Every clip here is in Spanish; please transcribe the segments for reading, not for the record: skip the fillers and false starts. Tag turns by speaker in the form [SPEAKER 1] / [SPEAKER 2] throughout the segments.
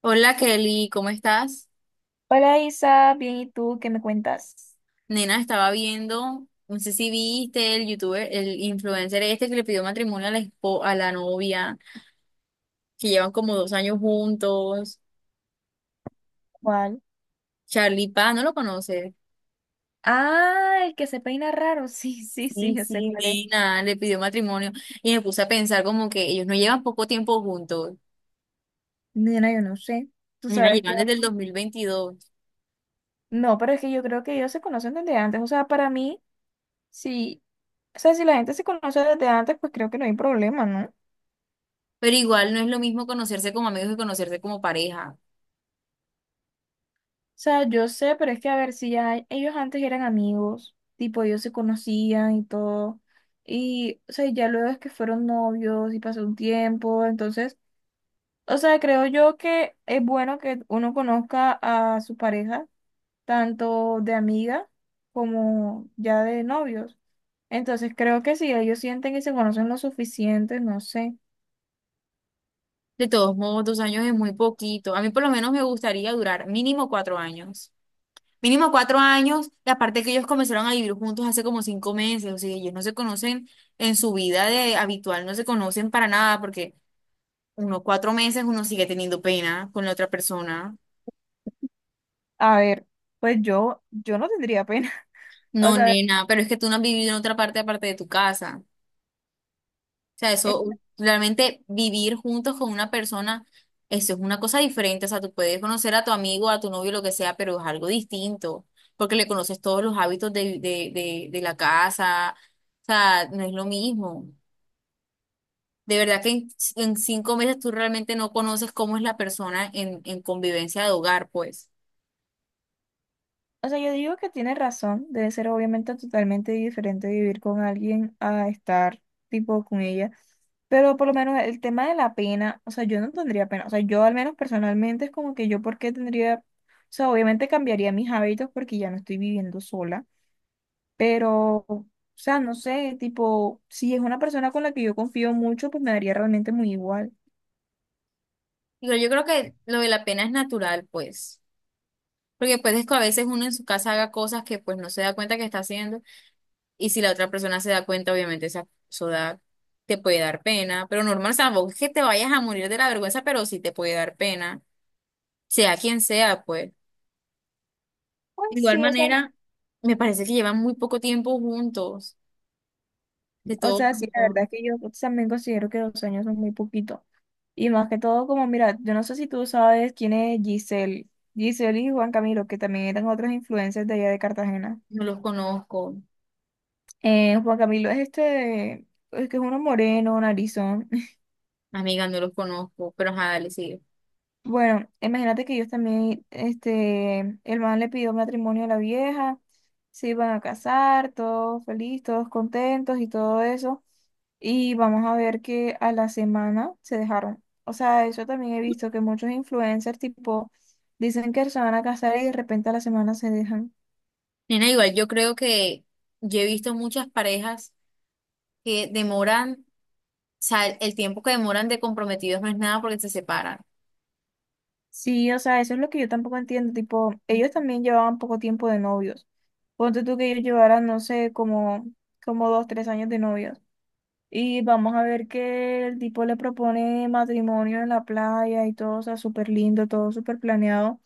[SPEAKER 1] Hola Kelly, ¿cómo estás?
[SPEAKER 2] Hola Isa, bien, ¿y tú qué me cuentas?
[SPEAKER 1] Nena, estaba viendo, no sé si viste el youtuber, el influencer este que le pidió matrimonio a la novia, que llevan como 2 años juntos,
[SPEAKER 2] ¿Cuál?
[SPEAKER 1] Charlie Paz, ¿no lo conoces?
[SPEAKER 2] Ah, el que se peina raro, sí, sí, sí,
[SPEAKER 1] Sí,
[SPEAKER 2] yo sé
[SPEAKER 1] sí,
[SPEAKER 2] cuál es.
[SPEAKER 1] Nena, le pidió matrimonio y me puse a pensar como que ellos no llevan poco tiempo juntos,
[SPEAKER 2] Nena, yo no sé, tú
[SPEAKER 1] nena,
[SPEAKER 2] sabes que...
[SPEAKER 1] llevan desde el 2022,
[SPEAKER 2] No, pero es que yo creo que ellos se conocen desde antes, o sea, para mí, sí, o sea, si la gente se conoce desde antes, pues creo que no hay problema, ¿no? O
[SPEAKER 1] pero igual no es lo mismo conocerse como amigos que conocerse como pareja.
[SPEAKER 2] sea, yo sé, pero es que a ver, si ya ellos antes eran amigos, tipo, ellos se conocían y todo, y, o sea, ya luego es que fueron novios y pasó un tiempo, entonces... O sea, creo yo que es bueno que uno conozca a su pareja, tanto de amiga como ya de novios. Entonces, creo que si ellos sienten que se conocen lo suficiente, no sé.
[SPEAKER 1] De todos modos, 2 años es muy poquito. A mí por lo menos me gustaría durar mínimo 4 años. Mínimo cuatro años, y aparte que ellos comenzaron a vivir juntos hace como 5 meses, o sea, ellos no se conocen en su vida de habitual, no se conocen para nada, porque unos 4 meses uno sigue teniendo pena con la otra persona.
[SPEAKER 2] A ver, pues yo no tendría pena. O
[SPEAKER 1] No,
[SPEAKER 2] sea,
[SPEAKER 1] nena, pero es que tú no has vivido en otra parte aparte de tu casa. O sea,
[SPEAKER 2] es
[SPEAKER 1] eso, realmente vivir juntos con una persona, eso es una cosa diferente. O sea, tú puedes conocer a tu amigo, a tu novio, lo que sea, pero es algo distinto, porque le conoces todos los hábitos de la casa. O sea, no es lo mismo. De verdad que en, 5 meses tú realmente no conoces cómo es la persona en convivencia de hogar, pues.
[SPEAKER 2] o sea, yo digo que tiene razón, debe ser obviamente totalmente diferente vivir con alguien a estar tipo con ella, pero por lo menos el tema de la pena, o sea, yo no tendría pena, o sea, yo al menos personalmente es como que yo por qué tendría, o sea, obviamente cambiaría mis hábitos porque ya no estoy viviendo sola, pero, o sea, no sé, tipo, si es una persona con la que yo confío mucho, pues me daría realmente muy igual.
[SPEAKER 1] Digo, yo creo que lo de la pena es natural, pues. Porque pues es que a veces uno en su casa haga cosas que pues no se da cuenta que está haciendo. Y si la otra persona se da cuenta, obviamente eso da, te puede dar pena. Pero normal, o sea, tampoco es que te vayas a morir de la vergüenza, pero sí te puede dar pena. Sea quien sea, pues.
[SPEAKER 2] Pues
[SPEAKER 1] De igual
[SPEAKER 2] sí, o sea,
[SPEAKER 1] manera, me parece que llevan muy poco tiempo juntos. De
[SPEAKER 2] o
[SPEAKER 1] todos
[SPEAKER 2] sea, sí, la
[SPEAKER 1] modos,
[SPEAKER 2] verdad es que yo también considero que 2 años son muy poquito. Y más que todo, como mira, yo no sé si tú sabes quién es Giselle. Giselle y Juan Camilo, que también eran otras influencias de allá de Cartagena.
[SPEAKER 1] no los conozco.
[SPEAKER 2] Juan Camilo es este, es que es uno moreno, narizón.
[SPEAKER 1] Amiga, no los conozco, pero ajá, dale, sigue.
[SPEAKER 2] Bueno, imagínate que ellos también, este, el man le pidió matrimonio a la vieja, se iban a casar, todos felices, todos contentos y todo eso. Y vamos a ver que a la semana se dejaron. O sea, eso también he visto que muchos influencers tipo dicen que se van a casar y de repente a la semana se dejan.
[SPEAKER 1] Nena, igual yo creo que yo he visto muchas parejas que demoran, o sea, el tiempo que demoran de comprometidos no es nada porque se separan.
[SPEAKER 2] Sí, o sea, eso es lo que yo tampoco entiendo. Tipo, ellos también llevaban poco tiempo de novios. Ponte tú que ellos llevaran, no sé, como 2, 3 años de novios. Y vamos a ver que el tipo le propone matrimonio en la playa y todo, o sea, súper lindo, todo súper planeado.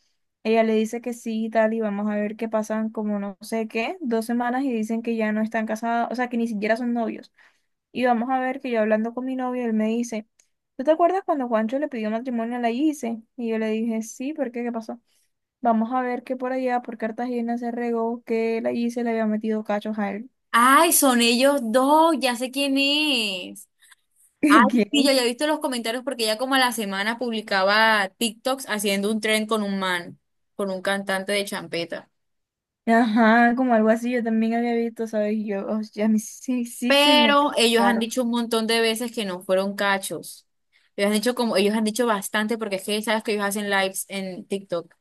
[SPEAKER 2] Ella le dice que sí y tal, y vamos a ver que pasan como no sé qué, 2 semanas y dicen que ya no están casados, o sea, que ni siquiera son novios. Y vamos a ver que yo hablando con mi novio, él me dice, ¿tú te acuerdas cuando Juancho le pidió matrimonio a la Gise? Y yo le dije, sí, ¿por qué? ¿Qué pasó? Vamos a ver que por allá, por Cartagena, se regó que la Gise le había metido cachos a él.
[SPEAKER 1] Ay, son ellos dos, ya sé quién es. Ay, sí, yo
[SPEAKER 2] ¿Quién
[SPEAKER 1] ya he visto los comentarios porque ella como a la semana publicaba TikToks haciendo un tren con un man, con un cantante de champeta.
[SPEAKER 2] ajá, como algo así, yo también había visto, ¿sabes? Y yo, oh, ya me, sí, sí se me
[SPEAKER 1] Pero ellos han
[SPEAKER 2] claro.
[SPEAKER 1] dicho un montón de veces que no fueron cachos. Ellos han dicho como, ellos han dicho bastante porque es que sabes que ellos hacen lives en TikTok.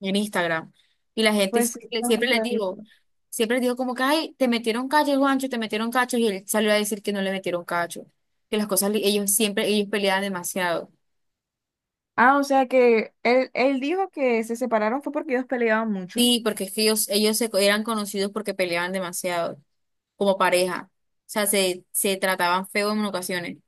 [SPEAKER 1] En Instagram. Y la gente
[SPEAKER 2] Pues sí, no,
[SPEAKER 1] siempre les
[SPEAKER 2] ahorita dijo.
[SPEAKER 1] digo, siempre les digo como que, ay, te metieron cacho, Juancho, te metieron cacho, y él salió a decir que no le metieron cacho, que las cosas, ellos siempre, ellos peleaban demasiado.
[SPEAKER 2] Ah, o sea que él dijo que se separaron fue porque ellos peleaban mucho.
[SPEAKER 1] Sí, porque es que ellos eran conocidos porque peleaban demasiado, como pareja. O sea, se trataban feo en ocasiones.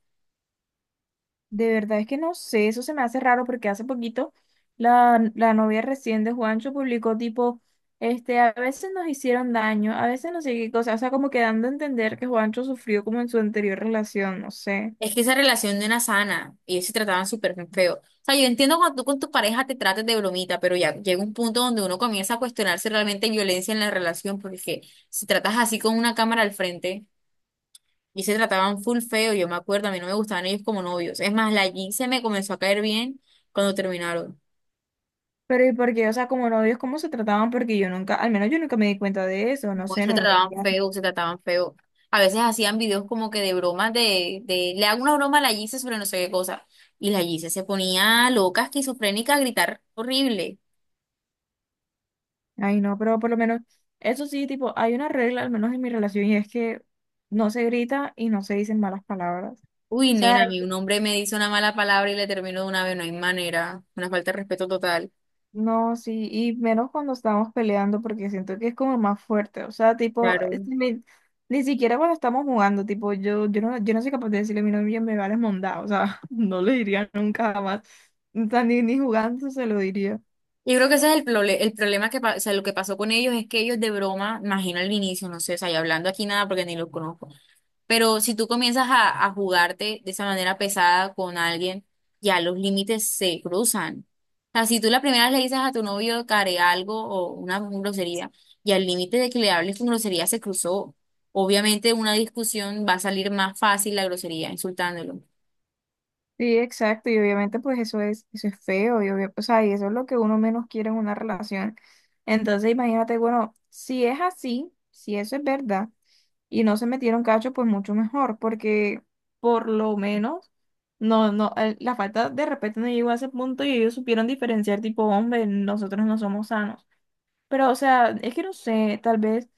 [SPEAKER 2] De verdad es que no sé, eso se me hace raro porque hace poquito la novia recién de Juancho publicó tipo, este, a veces nos hicieron daño, a veces no sé qué cosa, o sea, como que dando a entender que Juancho sufrió como en su anterior relación, no sé.
[SPEAKER 1] Es que esa relación no era sana y ellos se trataban súper feo. O sea, yo entiendo cuando tú con tu pareja te trates de bromita, pero ya llega un punto donde uno comienza a cuestionarse realmente hay violencia en la relación, porque si tratas así con una cámara al frente y se trataban full feo, yo me acuerdo, a mí no me gustaban ellos como novios. Es más, la Jean se me comenzó a caer bien cuando terminaron.
[SPEAKER 2] Pero ¿y por qué? O sea, como novios, ¿cómo se trataban? Porque yo nunca, al menos yo nunca me di cuenta de eso, no
[SPEAKER 1] Pues
[SPEAKER 2] sé,
[SPEAKER 1] se
[SPEAKER 2] no
[SPEAKER 1] trataban
[SPEAKER 2] veía.
[SPEAKER 1] feo, se trataban feo. A veces hacían videos como que de bromas de le hago una broma a la Jean sobre no sé qué cosa. Y la Gise se ponía loca, esquizofrénica, a gritar horrible.
[SPEAKER 2] Ay, no, pero por lo menos, eso sí, tipo, hay una regla, al menos en mi relación, y es que no se grita y no se dicen malas palabras. O
[SPEAKER 1] Uy,
[SPEAKER 2] sea,
[SPEAKER 1] nena, a mí un hombre me dice una mala palabra y le termino de una vez, no hay manera, una falta de respeto total.
[SPEAKER 2] no, sí, y menos cuando estamos peleando, porque siento que es como más fuerte. O sea, tipo,
[SPEAKER 1] Claro.
[SPEAKER 2] ni siquiera cuando estamos jugando, tipo, yo no soy capaz de decirle a mi novia me vale mondá. O sea, no le diría nunca jamás. O sea, ni jugando se lo diría.
[SPEAKER 1] Yo creo que ese es el problema que, o sea, lo que pasó con ellos es que ellos de broma, imagino al inicio, no sé, o sea, y hablando aquí nada porque ni los conozco. Pero si tú comienzas a jugarte de esa manera pesada con alguien, ya los límites se cruzan. O sea, si tú la primera vez le dices a tu novio que haré algo o una grosería, y al límite de que le hables con grosería se cruzó. Obviamente una discusión va a salir más fácil la grosería, insultándolo.
[SPEAKER 2] Sí, exacto, y obviamente pues eso es feo, y obvio, o sea, y eso es lo que uno menos quiere en una relación. Entonces imagínate, bueno, si es así, si eso es verdad, y no se metieron cacho, pues mucho mejor, porque por lo menos, no, no, el- la falta de respeto no llegó a ese punto y ellos supieron diferenciar tipo, hombre, nosotros no somos sanos. Pero, o sea, es que no sé, tal vez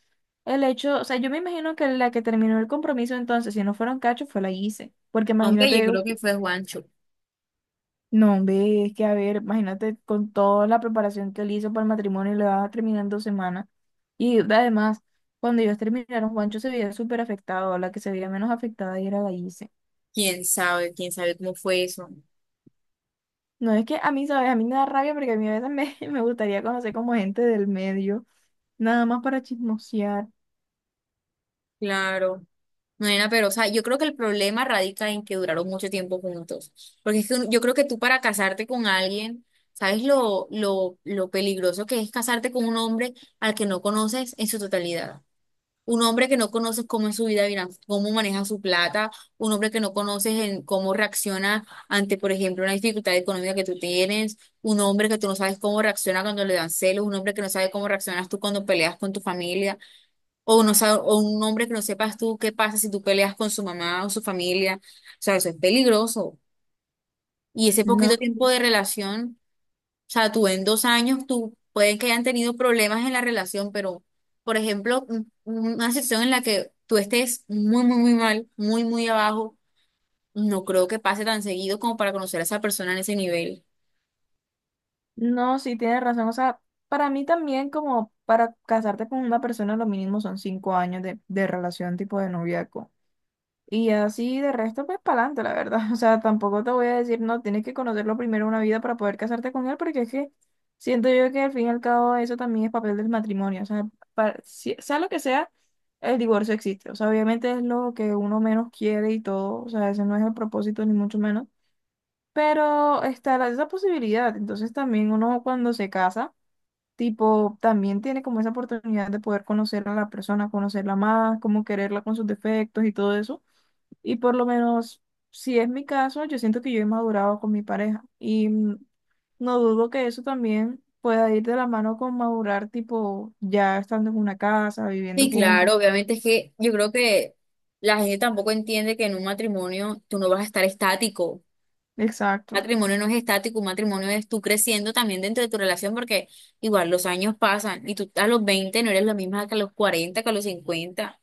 [SPEAKER 2] el hecho, o sea, yo me imagino que la que terminó el compromiso entonces, si no fueron cachos, fue la hice, porque
[SPEAKER 1] Hombre, yo
[SPEAKER 2] imagínate
[SPEAKER 1] creo que fue Juancho.
[SPEAKER 2] no, hombre, es que a ver, imagínate con toda la preparación que él hizo para el matrimonio, le va a terminar en 2 semanas. Y además, cuando ellos terminaron, Juancho se veía súper afectado, la que se veía menos afectada y era Gallise.
[SPEAKER 1] ¿Quién sabe? ¿Quién sabe cómo fue eso?
[SPEAKER 2] No es que a mí, ¿sabes? A mí me da rabia porque a mí a veces me, me gustaría conocer como gente del medio, nada más para chismosear.
[SPEAKER 1] Claro. No, nena, pero, o sea, yo creo que el problema radica en que duraron mucho tiempo juntos. Porque es que yo creo que tú para casarte con alguien, ¿sabes lo peligroso que es casarte con un hombre al que no conoces en su totalidad? Un hombre que no conoces cómo es su vida, cómo maneja su plata, un hombre que no conoces en cómo reacciona ante, por ejemplo, una dificultad económica que tú tienes, un hombre que tú no sabes cómo reacciona cuando le dan celos, un hombre que no sabe cómo reaccionas tú cuando peleas con tu familia. O, no, o un hombre que no sepas tú qué pasa si tú peleas con su mamá o su familia. O sea, eso es peligroso. Y ese
[SPEAKER 2] No,
[SPEAKER 1] poquito
[SPEAKER 2] sí,
[SPEAKER 1] tiempo de relación, o sea, tú en 2 años, tú pueden que hayan tenido problemas en la relación, pero, por ejemplo, una situación en la que tú estés muy, muy, muy mal, muy, muy abajo, no creo que pase tan seguido como para conocer a esa persona en ese nivel.
[SPEAKER 2] no, sí, tienes razón. O sea, para mí también como para casarte con una persona, lo mínimo son 5 años de relación tipo de noviazgo. Y así de resto, pues para adelante, la verdad. O sea, tampoco te voy a decir, no, tienes que conocerlo primero una vida para poder casarte con él, porque es que siento yo que al fin y al cabo eso también es papel del matrimonio. O sea, sea lo que sea, el divorcio existe. O sea, obviamente es lo que uno menos quiere y todo. O sea, ese no es el propósito, ni mucho menos. Pero está esa posibilidad. Entonces también uno cuando se casa, tipo, también tiene como esa oportunidad de poder conocer a la persona, conocerla más, como quererla con sus defectos y todo eso. Y por lo menos, si es mi caso, yo siento que yo he madurado con mi pareja. Y no dudo que eso también pueda ir de la mano con madurar, tipo, ya estando en una casa, viviendo
[SPEAKER 1] Sí,
[SPEAKER 2] juntos.
[SPEAKER 1] claro, obviamente es que yo creo que la gente tampoco entiende que en un matrimonio tú no vas a estar estático.
[SPEAKER 2] Exacto,
[SPEAKER 1] Matrimonio no es estático, un matrimonio es tú creciendo también dentro de tu relación porque igual los años pasan y tú a los 20 no eres la misma que a los 40, que a los 50.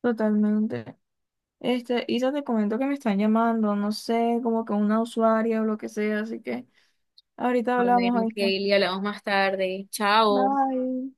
[SPEAKER 2] totalmente. Este, Isa, te comento que me están llamando, no sé, como que una usuaria o lo que sea, así que ahorita
[SPEAKER 1] Ah,
[SPEAKER 2] hablamos,
[SPEAKER 1] bueno,
[SPEAKER 2] ahí
[SPEAKER 1] Kelly, hablamos más tarde. Chao.
[SPEAKER 2] bye.